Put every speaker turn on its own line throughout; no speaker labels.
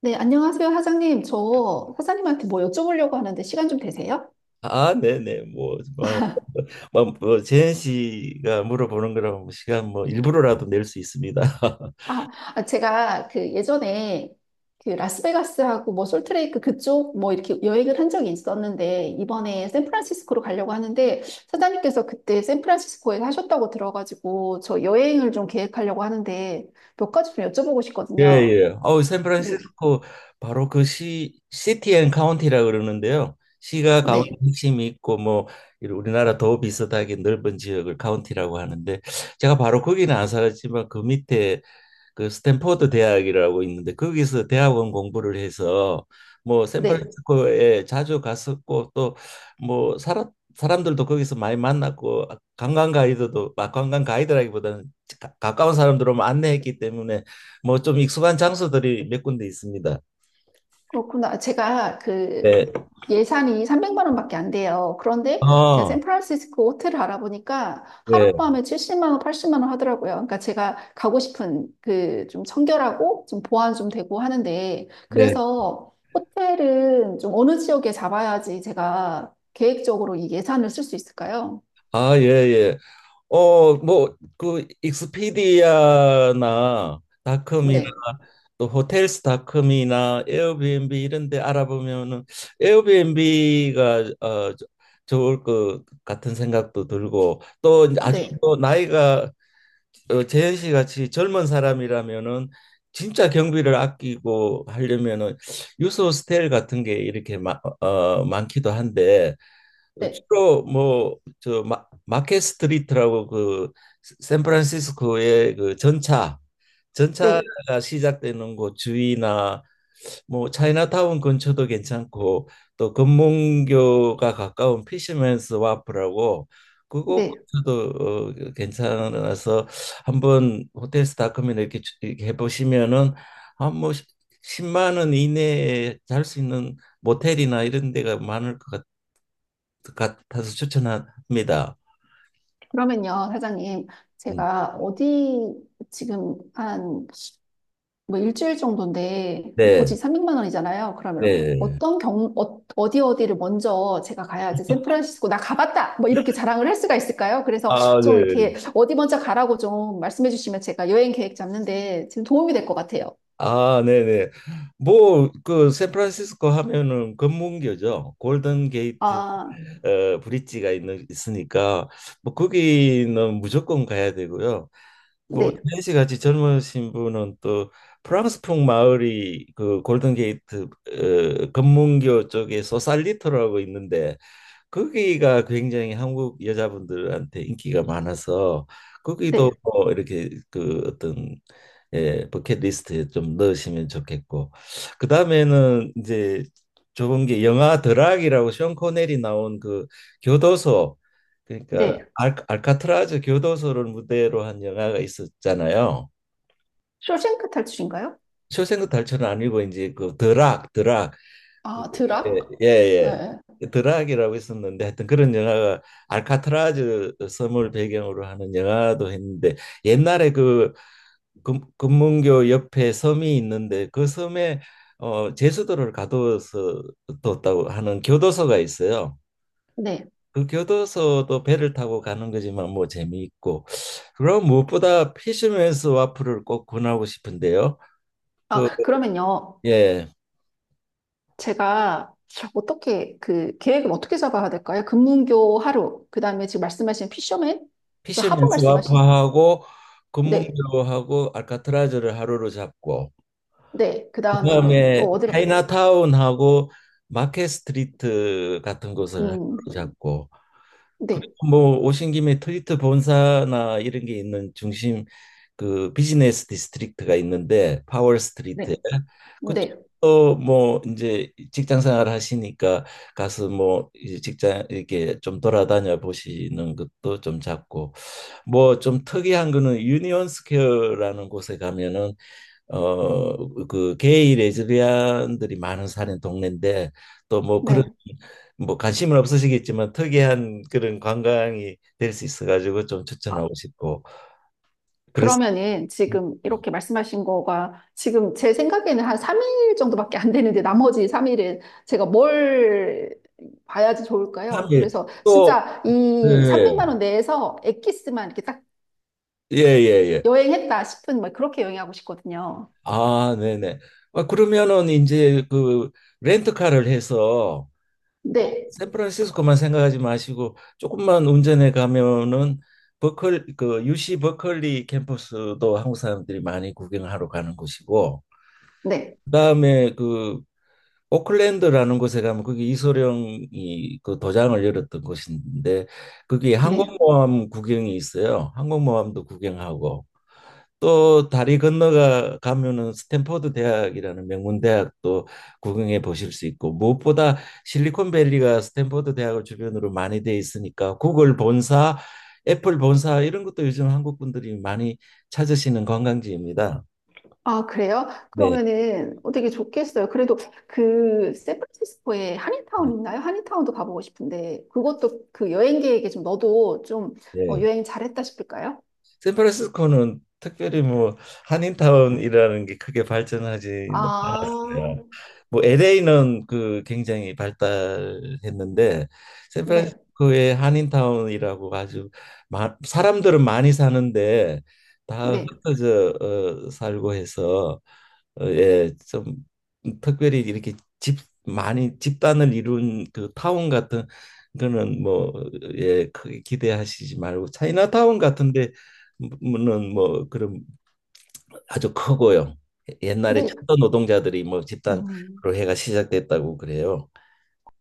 네, 안녕하세요, 사장님. 저 사장님한테 뭐 여쭤보려고 하는데 시간 좀 되세요?
아, 네네. 뭐 제현 씨가 물어보는 거라면 뭐 시간 뭐 일부러라도 낼 수 있습니다.
아, 아, 제가 그 예전에 그 라스베가스하고 뭐 솔트레이크 그쪽 뭐 이렇게 여행을 한 적이 있었는데 이번에 샌프란시스코로 가려고 하는데 사장님께서 그때 샌프란시스코에 하셨다고 들어가지고 저 여행을 좀 계획하려고 하는데 몇 가지 좀 여쭤보고
예,
싶거든요.
예.
네,
샌프란시스코 바로 그 시티 앤 카운티라 그러는데요. 시가 가운데
네,
핵심이 있고 뭐 이런 우리나라 더 비슷하게 넓은 지역을 카운티라고 하는데 제가 바로 거기는 안 살았지만 그 밑에 그 스탠포드 대학이라고 있는데 거기서 대학원 공부를 해서 뭐
네.
샌프란시스코에 자주 갔었고 또 뭐 살았 사람들도 거기서 많이 만났고 관광 가이드도 막 관광 가이드라기보다는 가까운 사람들 오면 안내했기 때문에 뭐 좀 익숙한 장소들이 몇 군데 있습니다.
그렇구나. 제가 그
네.
예산이 300만 원밖에 안 돼요. 그런데 제가
아,
샌프란시스코 호텔을 알아보니까
네,
하룻밤에 70만 원, 80만 원 하더라고요. 그러니까 제가 가고 싶은 그 좀 청결하고 좀 보안 좀 되고 하는데
네.
그래서 호텔은 좀 어느 지역에 잡아야지 제가 계획적으로 이 예산을 쓸 수 있을까요?
아, 예, 예. 뭐, 그, 익스피디아나 닷컴이나
네,
또 호텔스닷컴이나 에어비앤비 이런 데 알아보면은 에어비앤비가 좋을 것 같은 생각도 들고 또 이제
아,
아주
네,
또 나이가 재현 씨 같이 젊은 사람이라면은 진짜 경비를 아끼고 하려면은 유소 호스텔 같은 게 이렇게 많기도 한데
네,
주로 뭐 저 마켓 스트리트라고 그 샌프란시스코의 그 전차가
네,
시작되는 곳 주위나 뭐 차이나타운 근처도 괜찮고 또 금문교가 가까운 피시맨스 와프라고 그곳
네.
도 괜찮아서 한번 호텔 스타컴면 이렇게, 이렇게 해보시면은 한뭐 10만 원 이내에 잘 수 있는 모텔이나 이런 데가 많을 것 같, 같아서 추천합니다.
그러면요, 사장님,
음,
제가 어디 지금 한 뭐 일주일 정도인데
네,
버짓 300만 원이잖아요. 그러면
네.
어떤 어디 어디를 먼저 제가 가야지 샌프란시스코 나 가봤다! 뭐 이렇게 자랑을 할 수가 있을까요? 그래서
아,
좀
네.
이렇게 어디 먼저 가라고 좀 말씀해 주시면 제가 여행 계획 잡는데 지금 도움이 될 것 같아요.
아, 네네. 뭐, 그, 샌프란시스코 하면은 금문교죠. 골든 게이트
아,
브릿지가 있으니까, 뭐, 거기는 무조건 가야 되고요. 뭐,
네,
태희 씨 같이 젊으신 분은 또 프랑스풍 마을이 그 골든 게이트 금문교 쪽에 소살리토라고 있는데, 거기가 굉장히 한국 여자분들한테 인기가 많아서 거기도
네,
뭐 이렇게 그 어떤 예, 버킷리스트에 좀 넣으시면 좋겠고 그 다음에는 이제 좋은 게 영화 드락이라고 션 코넬이 나온 그 교도소 그러니까
네.
알카트라즈 교도소를 무대로 한 영화가 있었잖아요.
쇼생크 탈출인가요?
쇼생크 탈출은 아니고 이제 그 드락 그,
아,
예,
드락?
예,
네, 네.
예. 드락이라고 있었는데 하여튼 그런 영화가 알카트라즈 섬을 배경으로 하는 영화도 했는데 옛날에 그 금문교 옆에 섬이 있는데 그 섬에 제주도를 가둬서 뒀다고 하는 교도소가 있어요.
네.
그 교도소도 배를 타고 가는 거지만 뭐 재미있고 그럼 무엇보다 피쉬맨스 와플을 꼭 권하고 싶은데요.
아, 그러면요.
예.
제가 어떻게 그 계획을 어떻게 잡아야 될까요? 금문교 하루, 그 다음에 지금 말씀하신 피셔맨 그 하버
피셔맨스 와퍼
말씀하신
하고
네,
금문교하고 알카트라즈를 하루로 잡고
네, 그 다음에는
그다음에
또 어디로?
차이나타운하고 마켓 스트리트 같은 곳을
음,
하루로 잡고
네,
그리고 뭐 오신 김에 트위터 본사나 이런 게 있는 중심 그 비즈니스 디스트릭트가 있는데 파월 스트리트에
네, 네,
그쪽도 뭐 이제 직장 생활 하시니까 가서 뭐 이제 직장 이렇게 좀 돌아다녀 보시는 것도 좀 잡고 뭐 좀 특이한 거는 유니온 스퀘어라는 곳에 가면은 어 그 게이 레즈비언들이 많은 사는 동네인데 또 뭐 그런
네.
뭐 관심은 없으시겠지만 특이한 그런 관광이 될 수 있어가지고 좀
아,
추천하고 싶고 그래서
그러면은 지금 이렇게 말씀하신 거가 지금 제 생각에는 한 3일 정도밖에 안 되는데 나머지 3일은 제가 뭘 봐야지
다
좋을까요? 그래서
또
진짜 이
네.
300만 원 내에서 엑기스만 이렇게 딱
예예예
여행했다 싶은 막 그렇게 여행하고 싶거든요.
아 네네 아, 그러면은 이제 그 렌트카를 해서 꼭
네,
샌프란시스코만 생각하지 마시고 조금만 운전해 가면은 버클 그 UC 버클리 캠퍼스도 한국 사람들이 많이 구경하러 가는 곳이고
네,
그다음에 그 오클랜드라는 곳에 가면 그게 이소룡이 그 도장을 열었던 곳인데 그게
네.
항공모함 구경이 있어요. 항공모함도 구경하고 또 다리 건너가 가면은 스탠퍼드 대학이라는 명문 대학도 구경해 보실 수 있고 무엇보다 실리콘밸리가 스탠퍼드 대학을 주변으로 많이 돼 있으니까 구글 본사, 애플 본사 이런 것도 요즘 한국 분들이 많이 찾으시는 관광지입니다.
아, 그래요?
네.
그러면은 어떻게 좋겠어요. 그래도 그 샌프란시스코에
네.
한인타운 있나요? 한인타운도 가보고 싶은데 그것도 그 여행 계획에 좀 넣어도 좀
예.
여행 잘했다 싶을까요?
샌프란시스코는 특별히 뭐 한인타운이라는 게 크게 발전하지
아,
뭐 LA는 그 굉장히 발달했는데
네,
샌프란시스코의 한인타운이라고 아주 사람들은 많이 사는데 다
네,
흩어져 살고 해서 예, 좀 특별히 이렇게 집 많이 집단을 이룬 그 타운 같은 거는 뭐 예, 크게 기대하시지 말고 차이나타운 같은데 는 뭐 그런 아주 크고요. 옛날에
네.
철도 노동자들이 뭐 집단으로
음,
해가 시작됐다고 그래요.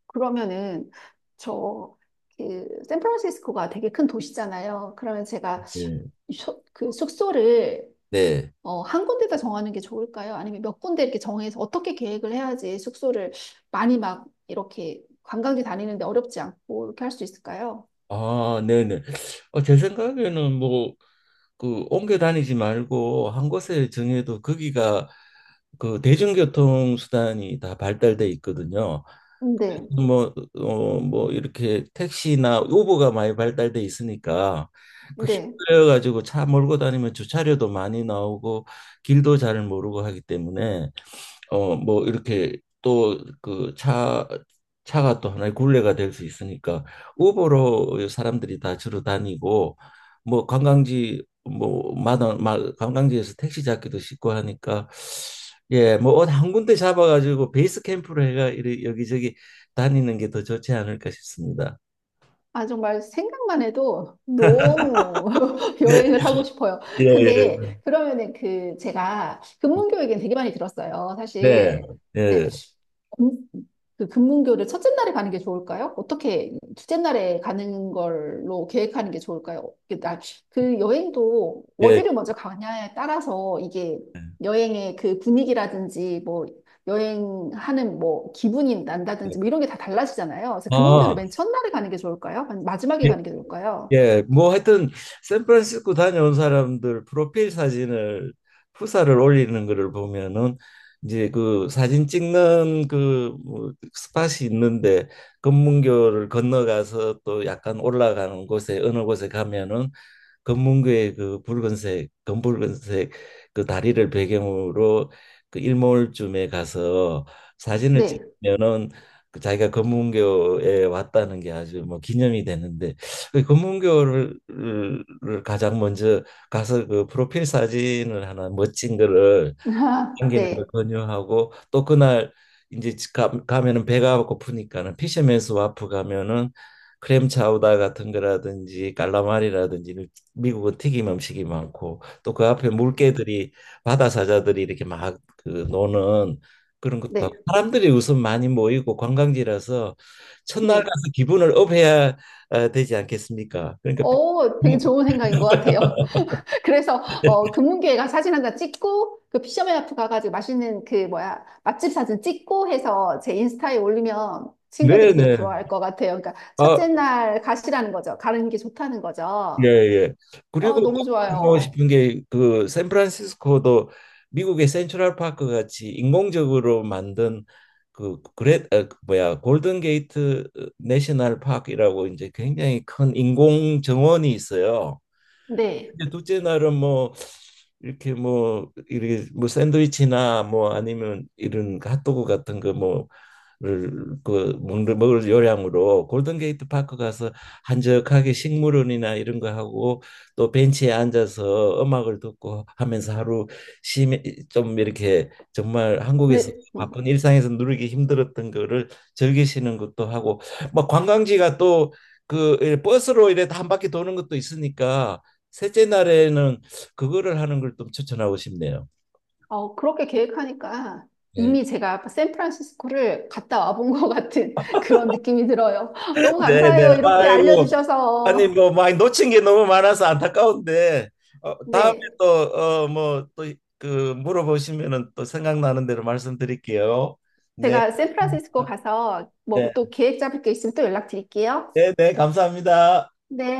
그러면은 저 그 샌프란시스코가 되게 큰 도시잖아요. 그러면 제가
네.
그 숙소를
네.
한 군데다 정하는 게 좋을까요? 아니면 몇 군데 이렇게 정해서 어떻게 계획을 해야지 숙소를 많이 막 이렇게 관광지 다니는데 어렵지 않고 이렇게 할 수 있을까요?
아, 네네. 제 생각에는 뭐 그 옮겨 다니지 말고 한 곳에 정해도 거기가 그 대중교통 수단이 다 발달돼 있거든요.
네,
뭐 이렇게 택시나 우버가 많이 발달돼 있으니까 그
네.
힘들어 가지고 차 몰고 다니면 주차료도 많이 나오고 길도 잘 모르고 하기 때문에 뭐 이렇게 또 그 차가 또 하나의 굴레가 될 수 있으니까 우버로 사람들이 다 주로 다니고 뭐 관광지 뭐 관광지에서 택시 잡기도 쉽고 하니까 예, 뭐 어디 한 군데 잡아가지고 베이스 캠프로 해가 여기저기 다니는 게 더 좋지 않을까 싶습니다.
아, 정말 생각만 해도 너무 여행을 하고 싶어요.
예, 예.
근데 그러면은 그 제가 근문 교육엔 되게 많이 들었어요.
네.
사실.
예,
네. 그 금문교를 첫째 날에 가는 게 좋을까요? 어떻게 둘째 날에 가는 걸로 계획하는 게 좋을까요? 그 여행도
예.
어디를 먼저 가냐에 따라서 이게 여행의 그 분위기라든지 뭐 여행하는 뭐 기분이 난다든지 뭐 이런 게 다 달라지잖아요. 그래서 금문교를
아,
맨 첫날에 가는 게 좋을까요? 아니면 마지막에 가는 게 좋을까요?
예, 뭐 하여튼 샌프란시스코 다녀온 사람들 프로필 사진을 후사를 올리는 거를 보면은 이제 그 사진 찍는 그뭐 스팟이 있는데 금문교를 건너가서 또 약간 올라가는 곳에 어느 곳에 가면은 검문고의 그 붉은색 검붉은색 그 다리를 배경으로 그 일몰쯤에 가서 사진을
네.
찍으면은 그 자기가 검문교에 왔다는 게 아주 뭐 기념이 되는데 그 검문교를 가장 먼저 가서 그 프로필 사진을 하나 멋진 거를 당기는 걸
네.
권유하고 또 그날 이제 가면은 배가 고프니까는 피시맨스 와프 가면은 크렘 차우다 같은 거라든지 깔라마리라든지 미국은 튀김 음식이 많고 또 그 앞에 물개들이 바다 사자들이 이렇게 막 그 노는 그런 것도 하고
네.
사람들이 우선 많이 모이고 관광지라서 첫날
네.
가서 기분을 업해야 아, 되지 않겠습니까? 그러니까
되게 좋은 생각인 것 같아요. 그래서 금문교회가 사진 한 장 찍고 그 피셔맨하프 가가지고 맛있는 그 뭐야 맛집 사진 찍고 해서 제 인스타에 올리면 친구들이 되게
네네.
부러워할 것 같아요. 그러니까
아,
첫째 날 가시라는 거죠. 가는 게 좋다는
예,
거죠.
예. 그리고 꼭
너무
하고
좋아요.
싶은 게 그 샌프란시스코도 미국의 센트럴 파크 같이 인공적으로 만든 그 뭐야 골든 게이트 내셔널 파크라고 이제 굉장히 큰 인공 정원이 있어요.
네.
이제 둘째 날은 뭐 이렇게 뭐 샌드위치나 뭐 아니면 이런 그 핫도그 같은 거 뭐를 그 먹는 먹을 요량으로 골든게이트 파크 가서 한적하게 식물원이나 이런 거 하고 또 벤치에 앉아서 음악을 듣고 하면서 하루 심해 좀 이렇게 정말 한국에서
네. 음.
바쁜 일상에서 누리기 힘들었던 거를 즐기시는 것도 하고 뭐 관광지가 또 그 버스로 이래 한 바퀴 도는 것도 있으니까 셋째 날에는 그거를 하는 걸 좀 추천하고 싶네요.
그렇게 계획하니까
네.
이미 제가 샌프란시스코를 갔다 와본 것 같은 그런 느낌이 들어요. 너무 감사해요.
네네.
이렇게
아이고. 아니
알려주셔서.
뭐 많이 놓친 게 너무 많아서 안타까운데 다음에
네.
또어뭐또그 물어보시면은 또 생각나는 대로 말씀드릴게요. 네.
제가 샌프란시스코 가서 뭐
네.
또 계획 잡을 게 있으면 또 연락드릴게요.
네, 네, 감사합니다.
네.